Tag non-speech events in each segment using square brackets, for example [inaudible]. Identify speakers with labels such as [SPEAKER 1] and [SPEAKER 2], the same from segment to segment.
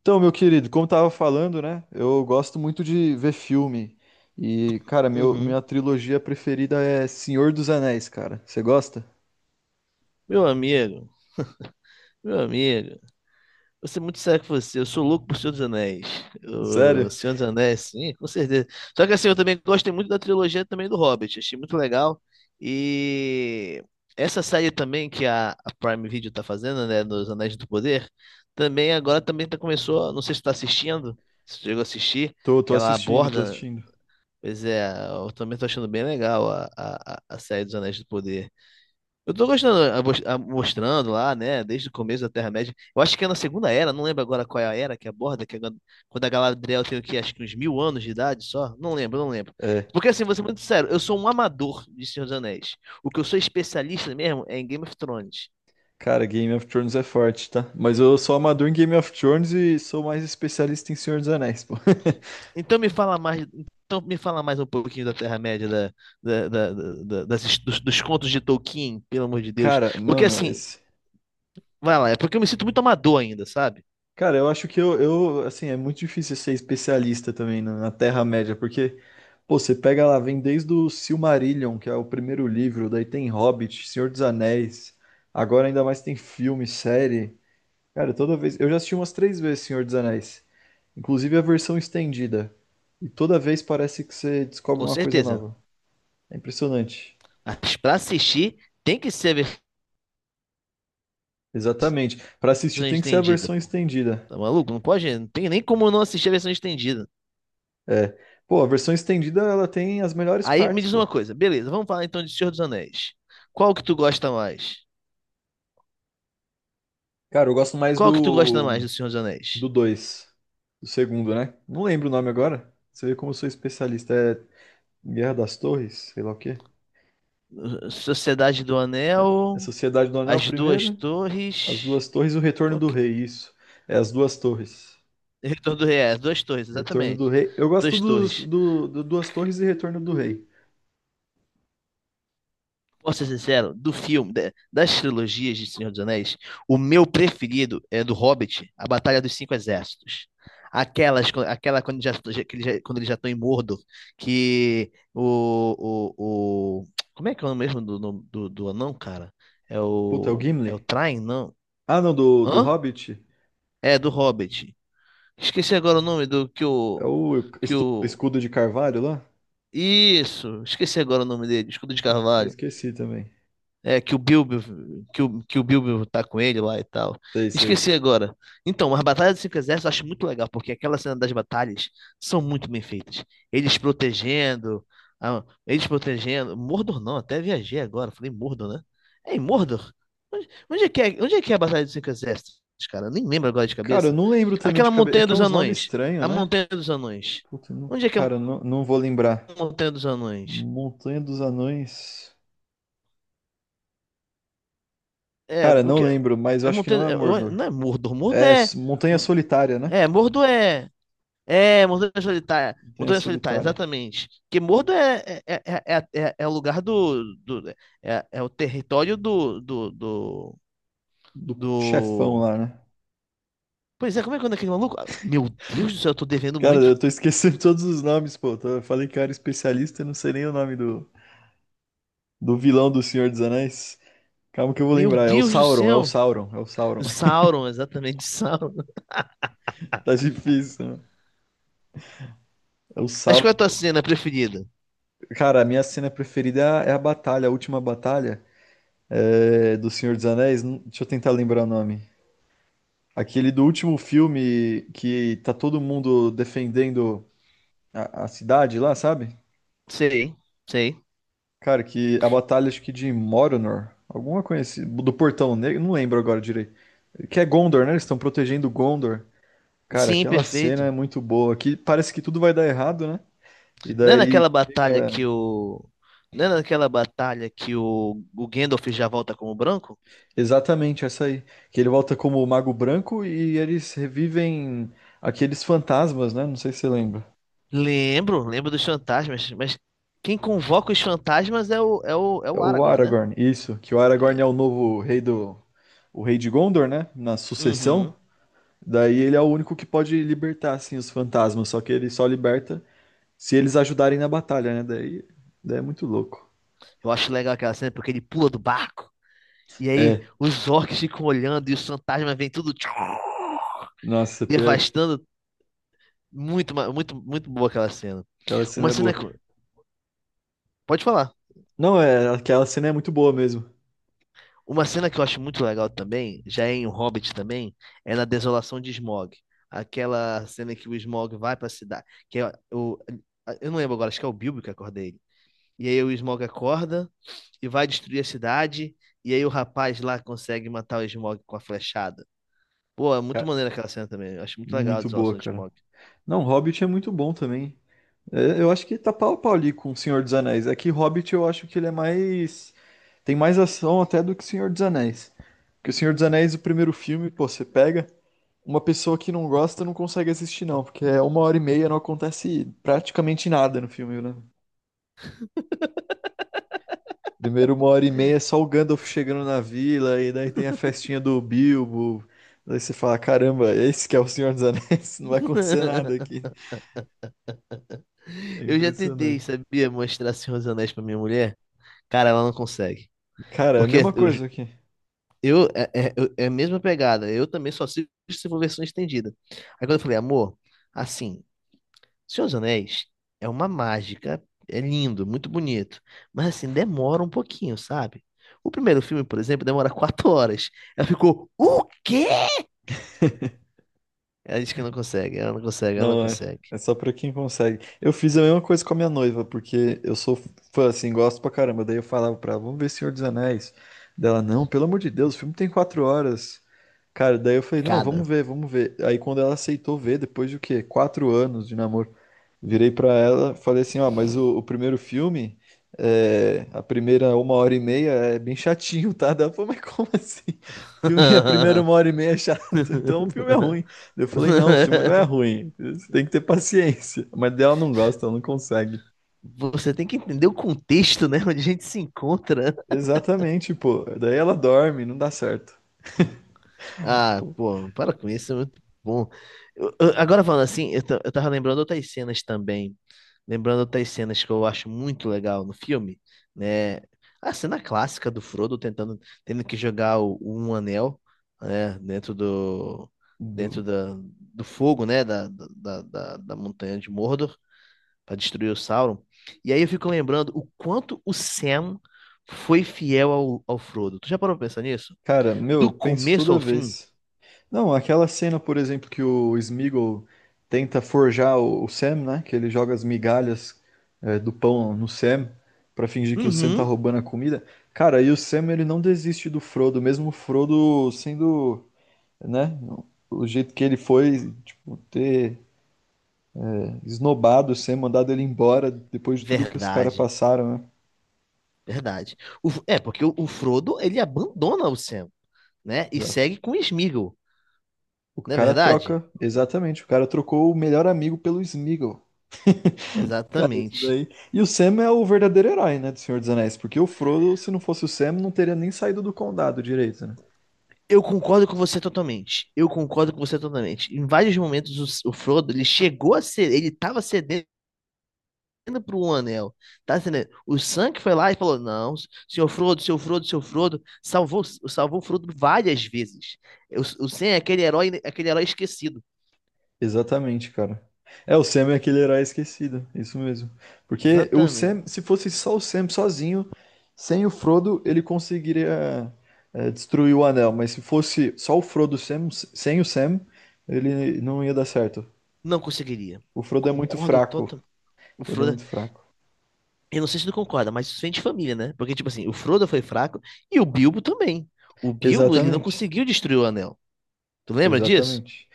[SPEAKER 1] Então, meu querido, como tava falando, né? Eu gosto muito de ver filme. E, cara,
[SPEAKER 2] Uhum.
[SPEAKER 1] minha trilogia preferida é Senhor dos Anéis, cara. Você gosta?
[SPEAKER 2] Meu amigo, meu amigo, vou ser muito sério com você. Eu sou louco por Senhor dos Anéis. O
[SPEAKER 1] Sério?
[SPEAKER 2] Senhor dos Anéis, sim, com certeza. Só que assim, eu também gosto muito da trilogia também do Hobbit. Achei muito legal. E essa série também que a Prime Video tá fazendo, né, dos Anéis do Poder, também agora também tá, começou, não sei se tu tá assistindo, se tu chegou a assistir,
[SPEAKER 1] Tô
[SPEAKER 2] que ela
[SPEAKER 1] assistindo, tô
[SPEAKER 2] aborda,
[SPEAKER 1] assistindo.
[SPEAKER 2] pois é, eu também tô achando bem legal a série dos Anéis do Poder. Eu tô gostando, mostrando lá, né, desde o começo da Terra-média. Eu acho que é na Segunda Era, não lembro agora qual é a era que aborda, que é quando quando a Galadriel tem o quê? Acho que uns 1000 anos de idade só. Não lembro, não lembro.
[SPEAKER 1] É.
[SPEAKER 2] Porque assim, vou ser muito sério, eu sou um amador de Senhor dos Anéis. O que eu sou especialista mesmo é em Game of Thrones.
[SPEAKER 1] Cara, Game of Thrones é forte, tá? Mas eu sou amador em Game of Thrones e sou mais especialista em Senhor dos Anéis, pô. [laughs]
[SPEAKER 2] Então me fala mais, então me fala mais um pouquinho da Terra-média, dos contos de Tolkien, pelo amor de Deus.
[SPEAKER 1] Cara,
[SPEAKER 2] Porque
[SPEAKER 1] mano,
[SPEAKER 2] assim,
[SPEAKER 1] esse.
[SPEAKER 2] vai lá, é porque eu me sinto muito amador ainda, sabe?
[SPEAKER 1] Cara, eu acho que eu, assim, é muito difícil ser especialista também na Terra-média, porque, pô, você pega lá, vem desde o Silmarillion, que é o primeiro livro, daí tem Hobbit, Senhor dos Anéis, agora ainda mais tem filme, série. Cara, toda vez. Eu já assisti umas três vezes Senhor dos Anéis, inclusive a versão estendida. E toda vez parece que você descobre
[SPEAKER 2] Com
[SPEAKER 1] uma coisa
[SPEAKER 2] certeza.
[SPEAKER 1] nova. É impressionante.
[SPEAKER 2] Mas pra assistir, tem que ser a versão
[SPEAKER 1] Exatamente. Pra assistir tem que ser a
[SPEAKER 2] estendida,
[SPEAKER 1] versão
[SPEAKER 2] pô.
[SPEAKER 1] estendida.
[SPEAKER 2] Tá maluco? Não pode, não tem nem como não assistir a versão estendida.
[SPEAKER 1] É. Pô, a versão estendida ela tem as melhores
[SPEAKER 2] Aí me
[SPEAKER 1] partes,
[SPEAKER 2] diz
[SPEAKER 1] pô.
[SPEAKER 2] uma coisa, beleza, vamos falar então de Senhor dos Anéis. Qual que tu gosta mais?
[SPEAKER 1] Cara, eu gosto mais
[SPEAKER 2] Qual que tu gosta mais
[SPEAKER 1] do
[SPEAKER 2] do Senhor dos Anéis?
[SPEAKER 1] do 2, do segundo, né? Não lembro o nome agora. Você vê como eu sou especialista. É Guerra das Torres, sei lá o quê.
[SPEAKER 2] Sociedade do
[SPEAKER 1] É
[SPEAKER 2] Anel,
[SPEAKER 1] Sociedade do Anel,
[SPEAKER 2] As Duas
[SPEAKER 1] primeiro. As
[SPEAKER 2] Torres,
[SPEAKER 1] Duas Torres e o Retorno
[SPEAKER 2] qual
[SPEAKER 1] do
[SPEAKER 2] que...
[SPEAKER 1] Rei, isso. É As Duas Torres.
[SPEAKER 2] Retorno do Rei, As Duas Torres,
[SPEAKER 1] Retorno
[SPEAKER 2] exatamente.
[SPEAKER 1] do Rei. Eu gosto
[SPEAKER 2] Duas
[SPEAKER 1] dos,
[SPEAKER 2] Torres.
[SPEAKER 1] do, do Duas Torres e Retorno do Rei.
[SPEAKER 2] Posso ser sincero, do filme, das trilogias de Senhor dos Anéis, o meu preferido é do Hobbit, A Batalha dos Cinco Exércitos. Aquelas, aquela quando já, já- que eles já- Quando eles já estão em Mordor, que o- como é que é o nome mesmo do, nome do, do anão, cara?
[SPEAKER 1] Puta, é o
[SPEAKER 2] É o
[SPEAKER 1] Gimli?
[SPEAKER 2] Thrain, não?
[SPEAKER 1] Ah, não, do
[SPEAKER 2] Hã?
[SPEAKER 1] Hobbit?
[SPEAKER 2] É, do Hobbit. Esqueci agora o nome do que
[SPEAKER 1] É
[SPEAKER 2] o.
[SPEAKER 1] o
[SPEAKER 2] Que o.
[SPEAKER 1] Escudo de Carvalho lá?
[SPEAKER 2] Isso! Esqueci agora o nome dele, Escudo de
[SPEAKER 1] Putz, eu
[SPEAKER 2] Carvalho.
[SPEAKER 1] esqueci também.
[SPEAKER 2] É, que o Bilbo, que o Bilbo tá com ele lá e tal.
[SPEAKER 1] Sei, sei.
[SPEAKER 2] Esqueci agora. Então, as Batalhas dos Cinco Exércitos eu acho muito legal, porque aquela cena das batalhas são muito bem feitas. Eles protegendo, eles protegendo. Mordor não, até viajei agora, falei Mordor, né? É em Mordor? Onde é que é, onde é que é a Batalha dos Cinco Exércitos, cara? Eu nem lembro agora de
[SPEAKER 1] Cara, eu
[SPEAKER 2] cabeça.
[SPEAKER 1] não lembro também de
[SPEAKER 2] Aquela
[SPEAKER 1] cabeça. É
[SPEAKER 2] Montanha
[SPEAKER 1] que é
[SPEAKER 2] dos
[SPEAKER 1] uns nomes
[SPEAKER 2] Anões.
[SPEAKER 1] estranhos,
[SPEAKER 2] A
[SPEAKER 1] né?
[SPEAKER 2] Montanha dos Anões.
[SPEAKER 1] Puta,
[SPEAKER 2] Onde é que é a
[SPEAKER 1] cara, não, não vou lembrar.
[SPEAKER 2] Montanha dos Anões?
[SPEAKER 1] Montanha dos Anões.
[SPEAKER 2] É,
[SPEAKER 1] Cara, não
[SPEAKER 2] porque.
[SPEAKER 1] lembro, mas eu
[SPEAKER 2] A
[SPEAKER 1] acho que não
[SPEAKER 2] montanha,
[SPEAKER 1] é Mordor.
[SPEAKER 2] não é Mordor, Mordor
[SPEAKER 1] É
[SPEAKER 2] é.
[SPEAKER 1] Montanha Solitária, né?
[SPEAKER 2] É, Mordo é. É, Montanha Solitária.
[SPEAKER 1] Montanha
[SPEAKER 2] Montanha Solitária,
[SPEAKER 1] Solitária.
[SPEAKER 2] exatamente. Porque Mordo é é o lugar do, do é, é o território do, do, do,
[SPEAKER 1] Do chefão
[SPEAKER 2] do-
[SPEAKER 1] lá, né?
[SPEAKER 2] Pois é, como é que é o nome daquele maluco? Ah, Meu Deus do céu, eu tô devendo
[SPEAKER 1] Cara,
[SPEAKER 2] muito.
[SPEAKER 1] eu tô esquecendo [laughs] todos os nomes, pô. Eu falei que eu era especialista e não sei nem o nome do vilão do Senhor dos Anéis. Calma que eu vou
[SPEAKER 2] Meu
[SPEAKER 1] lembrar. É o
[SPEAKER 2] Deus do
[SPEAKER 1] Sauron, é o
[SPEAKER 2] céu.
[SPEAKER 1] Sauron, é o Sauron.
[SPEAKER 2] O
[SPEAKER 1] [laughs]
[SPEAKER 2] Sauron, exatamente, [laughs] Sauron.
[SPEAKER 1] Tá difícil, né? É o
[SPEAKER 2] Mas qual é a
[SPEAKER 1] Sauron.
[SPEAKER 2] tua cena preferida?
[SPEAKER 1] Cara, a minha cena preferida é a batalha, a última batalha do Senhor dos Anéis. Deixa eu tentar lembrar o nome. Aquele do último filme que tá todo mundo defendendo a cidade lá, sabe?
[SPEAKER 2] Sei, sei.
[SPEAKER 1] Cara, que a batalha acho que de Moronor, alguma conhecida, do Portão Negro, não lembro agora direito. Que é Gondor, né? Eles estão protegendo Gondor. Cara,
[SPEAKER 2] Sim,
[SPEAKER 1] aquela cena é
[SPEAKER 2] perfeito.
[SPEAKER 1] muito boa. Que parece que tudo vai dar errado, né? E
[SPEAKER 2] Não é
[SPEAKER 1] daí
[SPEAKER 2] naquela batalha
[SPEAKER 1] chega
[SPEAKER 2] que o. Não é naquela batalha que o Gandalf já volta como branco?
[SPEAKER 1] exatamente essa aí. Que ele volta como o Mago Branco e eles revivem aqueles fantasmas, né? Não sei se você lembra.
[SPEAKER 2] Lembro, lembro dos fantasmas, mas quem convoca os fantasmas é é
[SPEAKER 1] É
[SPEAKER 2] o
[SPEAKER 1] o
[SPEAKER 2] Aragorn, né?
[SPEAKER 1] Aragorn, isso, que o Aragorn é
[SPEAKER 2] É.
[SPEAKER 1] o novo rei o rei de Gondor, né? Na sucessão.
[SPEAKER 2] Uhum.
[SPEAKER 1] Daí ele é o único que pode libertar assim os fantasmas, só que ele só liberta se eles ajudarem na batalha, né? Daí é muito louco.
[SPEAKER 2] Eu acho legal aquela cena porque ele pula do barco. E aí
[SPEAKER 1] É,
[SPEAKER 2] os orcs ficam olhando e os fantasmas vêm tudo tchum,
[SPEAKER 1] nossa, pior,
[SPEAKER 2] devastando. Muito, muito boa aquela cena.
[SPEAKER 1] aquela cena
[SPEAKER 2] Uma
[SPEAKER 1] é
[SPEAKER 2] cena
[SPEAKER 1] boa.
[SPEAKER 2] que. Pode falar.
[SPEAKER 1] Não, é, aquela cena é muito boa mesmo.
[SPEAKER 2] Uma cena que eu acho muito legal também, já é em O Hobbit também, é na Desolação de Smaug. Aquela cena que o Smaug vai pra cidade. Que é o... Eu não lembro agora, acho que é o Bilbo que acorda ele. E aí o Smaug acorda e vai destruir a cidade. E aí o rapaz lá consegue matar o Smaug com a flechada. Pô, é muito
[SPEAKER 1] É,
[SPEAKER 2] maneiro aquela cena também. Eu acho muito legal a
[SPEAKER 1] muito boa,
[SPEAKER 2] desolação de
[SPEAKER 1] cara.
[SPEAKER 2] Smaug.
[SPEAKER 1] Não, Hobbit é muito bom também. É, eu acho que tá pau a pau ali com o Senhor dos Anéis. É que Hobbit eu acho que ele é mais. Tem mais ação até do que o Senhor dos Anéis. Porque o Senhor dos Anéis, o primeiro filme, pô, você pega. Uma pessoa que não gosta não consegue assistir, não. Porque é uma hora e meia, não acontece praticamente nada no filme, né? Primeiro, uma hora e meia é só o Gandalf chegando na vila. E daí tem a festinha do Bilbo. Daí você fala: caramba, esse que é o Senhor dos Anéis. [laughs] Não vai acontecer nada aqui.
[SPEAKER 2] [laughs]
[SPEAKER 1] É
[SPEAKER 2] Eu já tentei,
[SPEAKER 1] impressionante.
[SPEAKER 2] sabia, mostrar Senhor dos Anéis pra minha mulher. Cara, ela não consegue.
[SPEAKER 1] Cara, é a
[SPEAKER 2] Porque
[SPEAKER 1] mesma coisa aqui.
[SPEAKER 2] é a mesma pegada. Eu também só assisto se for versão estendida. Aí quando eu falei, amor, assim, Senhor dos Anéis é uma mágica, é lindo, muito bonito, mas assim, demora um pouquinho, sabe? O primeiro filme, por exemplo, demora [laughs] 4 horas. Ela ficou, o quê? Ela disse que não consegue, ela não consegue, ela não
[SPEAKER 1] Não é.
[SPEAKER 2] consegue.
[SPEAKER 1] É só pra quem consegue. Eu fiz a mesma coisa com a minha noiva, porque eu sou fã, assim, gosto pra caramba. Daí eu falava pra ela, vamos ver Senhor dos Anéis. Dela, não, pelo amor de Deus, o filme tem 4 horas. Cara, daí eu falei, não,
[SPEAKER 2] Cada.
[SPEAKER 1] vamos ver, vamos ver. Aí quando ela aceitou ver, depois de o quê? 4 anos de namoro, virei pra ela, falei assim, ó, mas o primeiro filme, a primeira uma hora e meia é bem chatinho, tá? Daí ela falou, mas como assim? [laughs] O filme, a primeira uma hora e
[SPEAKER 2] [laughs]
[SPEAKER 1] meia é chato, [laughs] então o filme é ruim. Eu falei, não, o filme não é ruim. Você tem que ter paciência. Mas dela não gosta, ela não consegue.
[SPEAKER 2] Você tem que entender o contexto, né? Onde a gente se encontra.
[SPEAKER 1] Exatamente, pô. Daí ela dorme, não dá certo.
[SPEAKER 2] Ah,
[SPEAKER 1] Pô,
[SPEAKER 2] pô, para com isso, é muito bom. Agora falando assim, eu tava lembrando outras cenas também. Lembrando outras cenas que eu acho muito legal no filme, né? A cena clássica do Frodo tentando, tendo que jogar o, um anel, né? Dentro do, dentro
[SPEAKER 1] do-
[SPEAKER 2] da, do fogo, né? Da montanha de Mordor para destruir o Sauron. E aí eu fico lembrando o quanto o Sam foi fiel ao, ao Frodo. Tu já parou pra pensar nisso?
[SPEAKER 1] Cara, meu, eu
[SPEAKER 2] Do
[SPEAKER 1] penso
[SPEAKER 2] começo
[SPEAKER 1] toda
[SPEAKER 2] ao fim?
[SPEAKER 1] vez. Não, aquela cena, por exemplo, que o Smeagol tenta forjar o Sam, né? Que ele joga as migalhas do pão no Sam pra fingir que o Sam tá
[SPEAKER 2] Uhum.
[SPEAKER 1] roubando a comida. Cara, e o Sam, ele não desiste do Frodo, mesmo o Frodo sendo, né? O jeito que ele foi, tipo, ter esnobado ser mandado ele embora depois de tudo que os caras
[SPEAKER 2] Verdade,
[SPEAKER 1] passaram, né?
[SPEAKER 2] verdade. É, porque o Frodo, ele abandona o Sam, né? E
[SPEAKER 1] Exato.
[SPEAKER 2] segue com o Sméagol,
[SPEAKER 1] O
[SPEAKER 2] não é
[SPEAKER 1] cara
[SPEAKER 2] verdade?
[SPEAKER 1] troca, exatamente, o cara trocou o melhor amigo pelo Smeagol. Cara, isso
[SPEAKER 2] Exatamente.
[SPEAKER 1] daí. E o Sam é o verdadeiro herói, né, do Senhor dos Anéis, porque o Frodo, se não fosse o Sam, não teria nem saído do condado direito, né?
[SPEAKER 2] Eu concordo com você totalmente. Eu concordo com você totalmente. Em vários momentos, o Frodo, ele chegou a ser, ele tava cedendo pro Anel, tá entendendo? O Sam que foi lá e falou, não, senhor Frodo, senhor Frodo, senhor Frodo, salvou, salvou o Frodo várias vezes. O Sam é aquele herói esquecido.
[SPEAKER 1] Exatamente, cara. É, o Sam é aquele herói esquecido, isso mesmo. Porque o
[SPEAKER 2] Exatamente.
[SPEAKER 1] Sam, se fosse só o Sam sozinho, sem o Frodo, ele conseguiria destruir o anel. Mas se fosse só o Frodo e o Sam, sem o Sam, ele não ia dar certo.
[SPEAKER 2] Não conseguiria.
[SPEAKER 1] O Frodo é muito
[SPEAKER 2] Concordo
[SPEAKER 1] fraco. O
[SPEAKER 2] o
[SPEAKER 1] Frodo é
[SPEAKER 2] Frodo.
[SPEAKER 1] muito fraco.
[SPEAKER 2] Eu não sei se tu concorda, mas isso vem de família, né? Porque, tipo assim, o Frodo foi fraco e o Bilbo também. O Bilbo, ele não
[SPEAKER 1] Exatamente,
[SPEAKER 2] conseguiu destruir o anel. Tu lembra disso?
[SPEAKER 1] exatamente.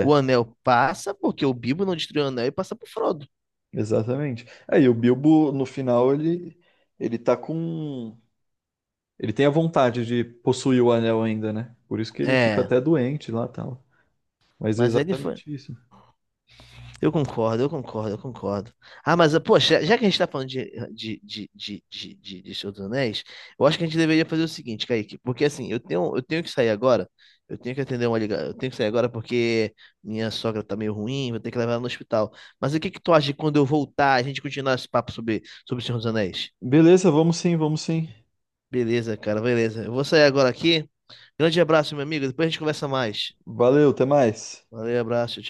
[SPEAKER 2] O anel passa porque o Bilbo não destruiu o anel e passa pro Frodo.
[SPEAKER 1] exatamente. Aí o Bilbo, no final, ele tá com Ele tem a vontade de possuir o anel ainda, né? Por isso que ele fica
[SPEAKER 2] É,
[SPEAKER 1] até doente lá e tal. Mas é
[SPEAKER 2] mas ele foi.
[SPEAKER 1] exatamente isso.
[SPEAKER 2] Eu concordo, eu concordo, eu concordo. Ah, mas, poxa, já que a gente tá falando de Senhor dos Anéis, eu acho que a gente deveria fazer o seguinte, Kaique, porque assim, eu tenho que sair agora, eu tenho que atender uma ligação, eu tenho que sair agora porque minha sogra tá meio ruim, vou ter que levar ela no hospital. Mas o que que tu acha de quando eu voltar, a gente continuar esse papo sobre, sobre o Senhor dos Anéis?
[SPEAKER 1] Beleza, vamos sim, vamos sim.
[SPEAKER 2] Beleza, cara, beleza. Eu vou sair agora aqui. Grande abraço, meu amigo, depois a gente conversa mais.
[SPEAKER 1] Valeu, até mais.
[SPEAKER 2] Valeu, abraço,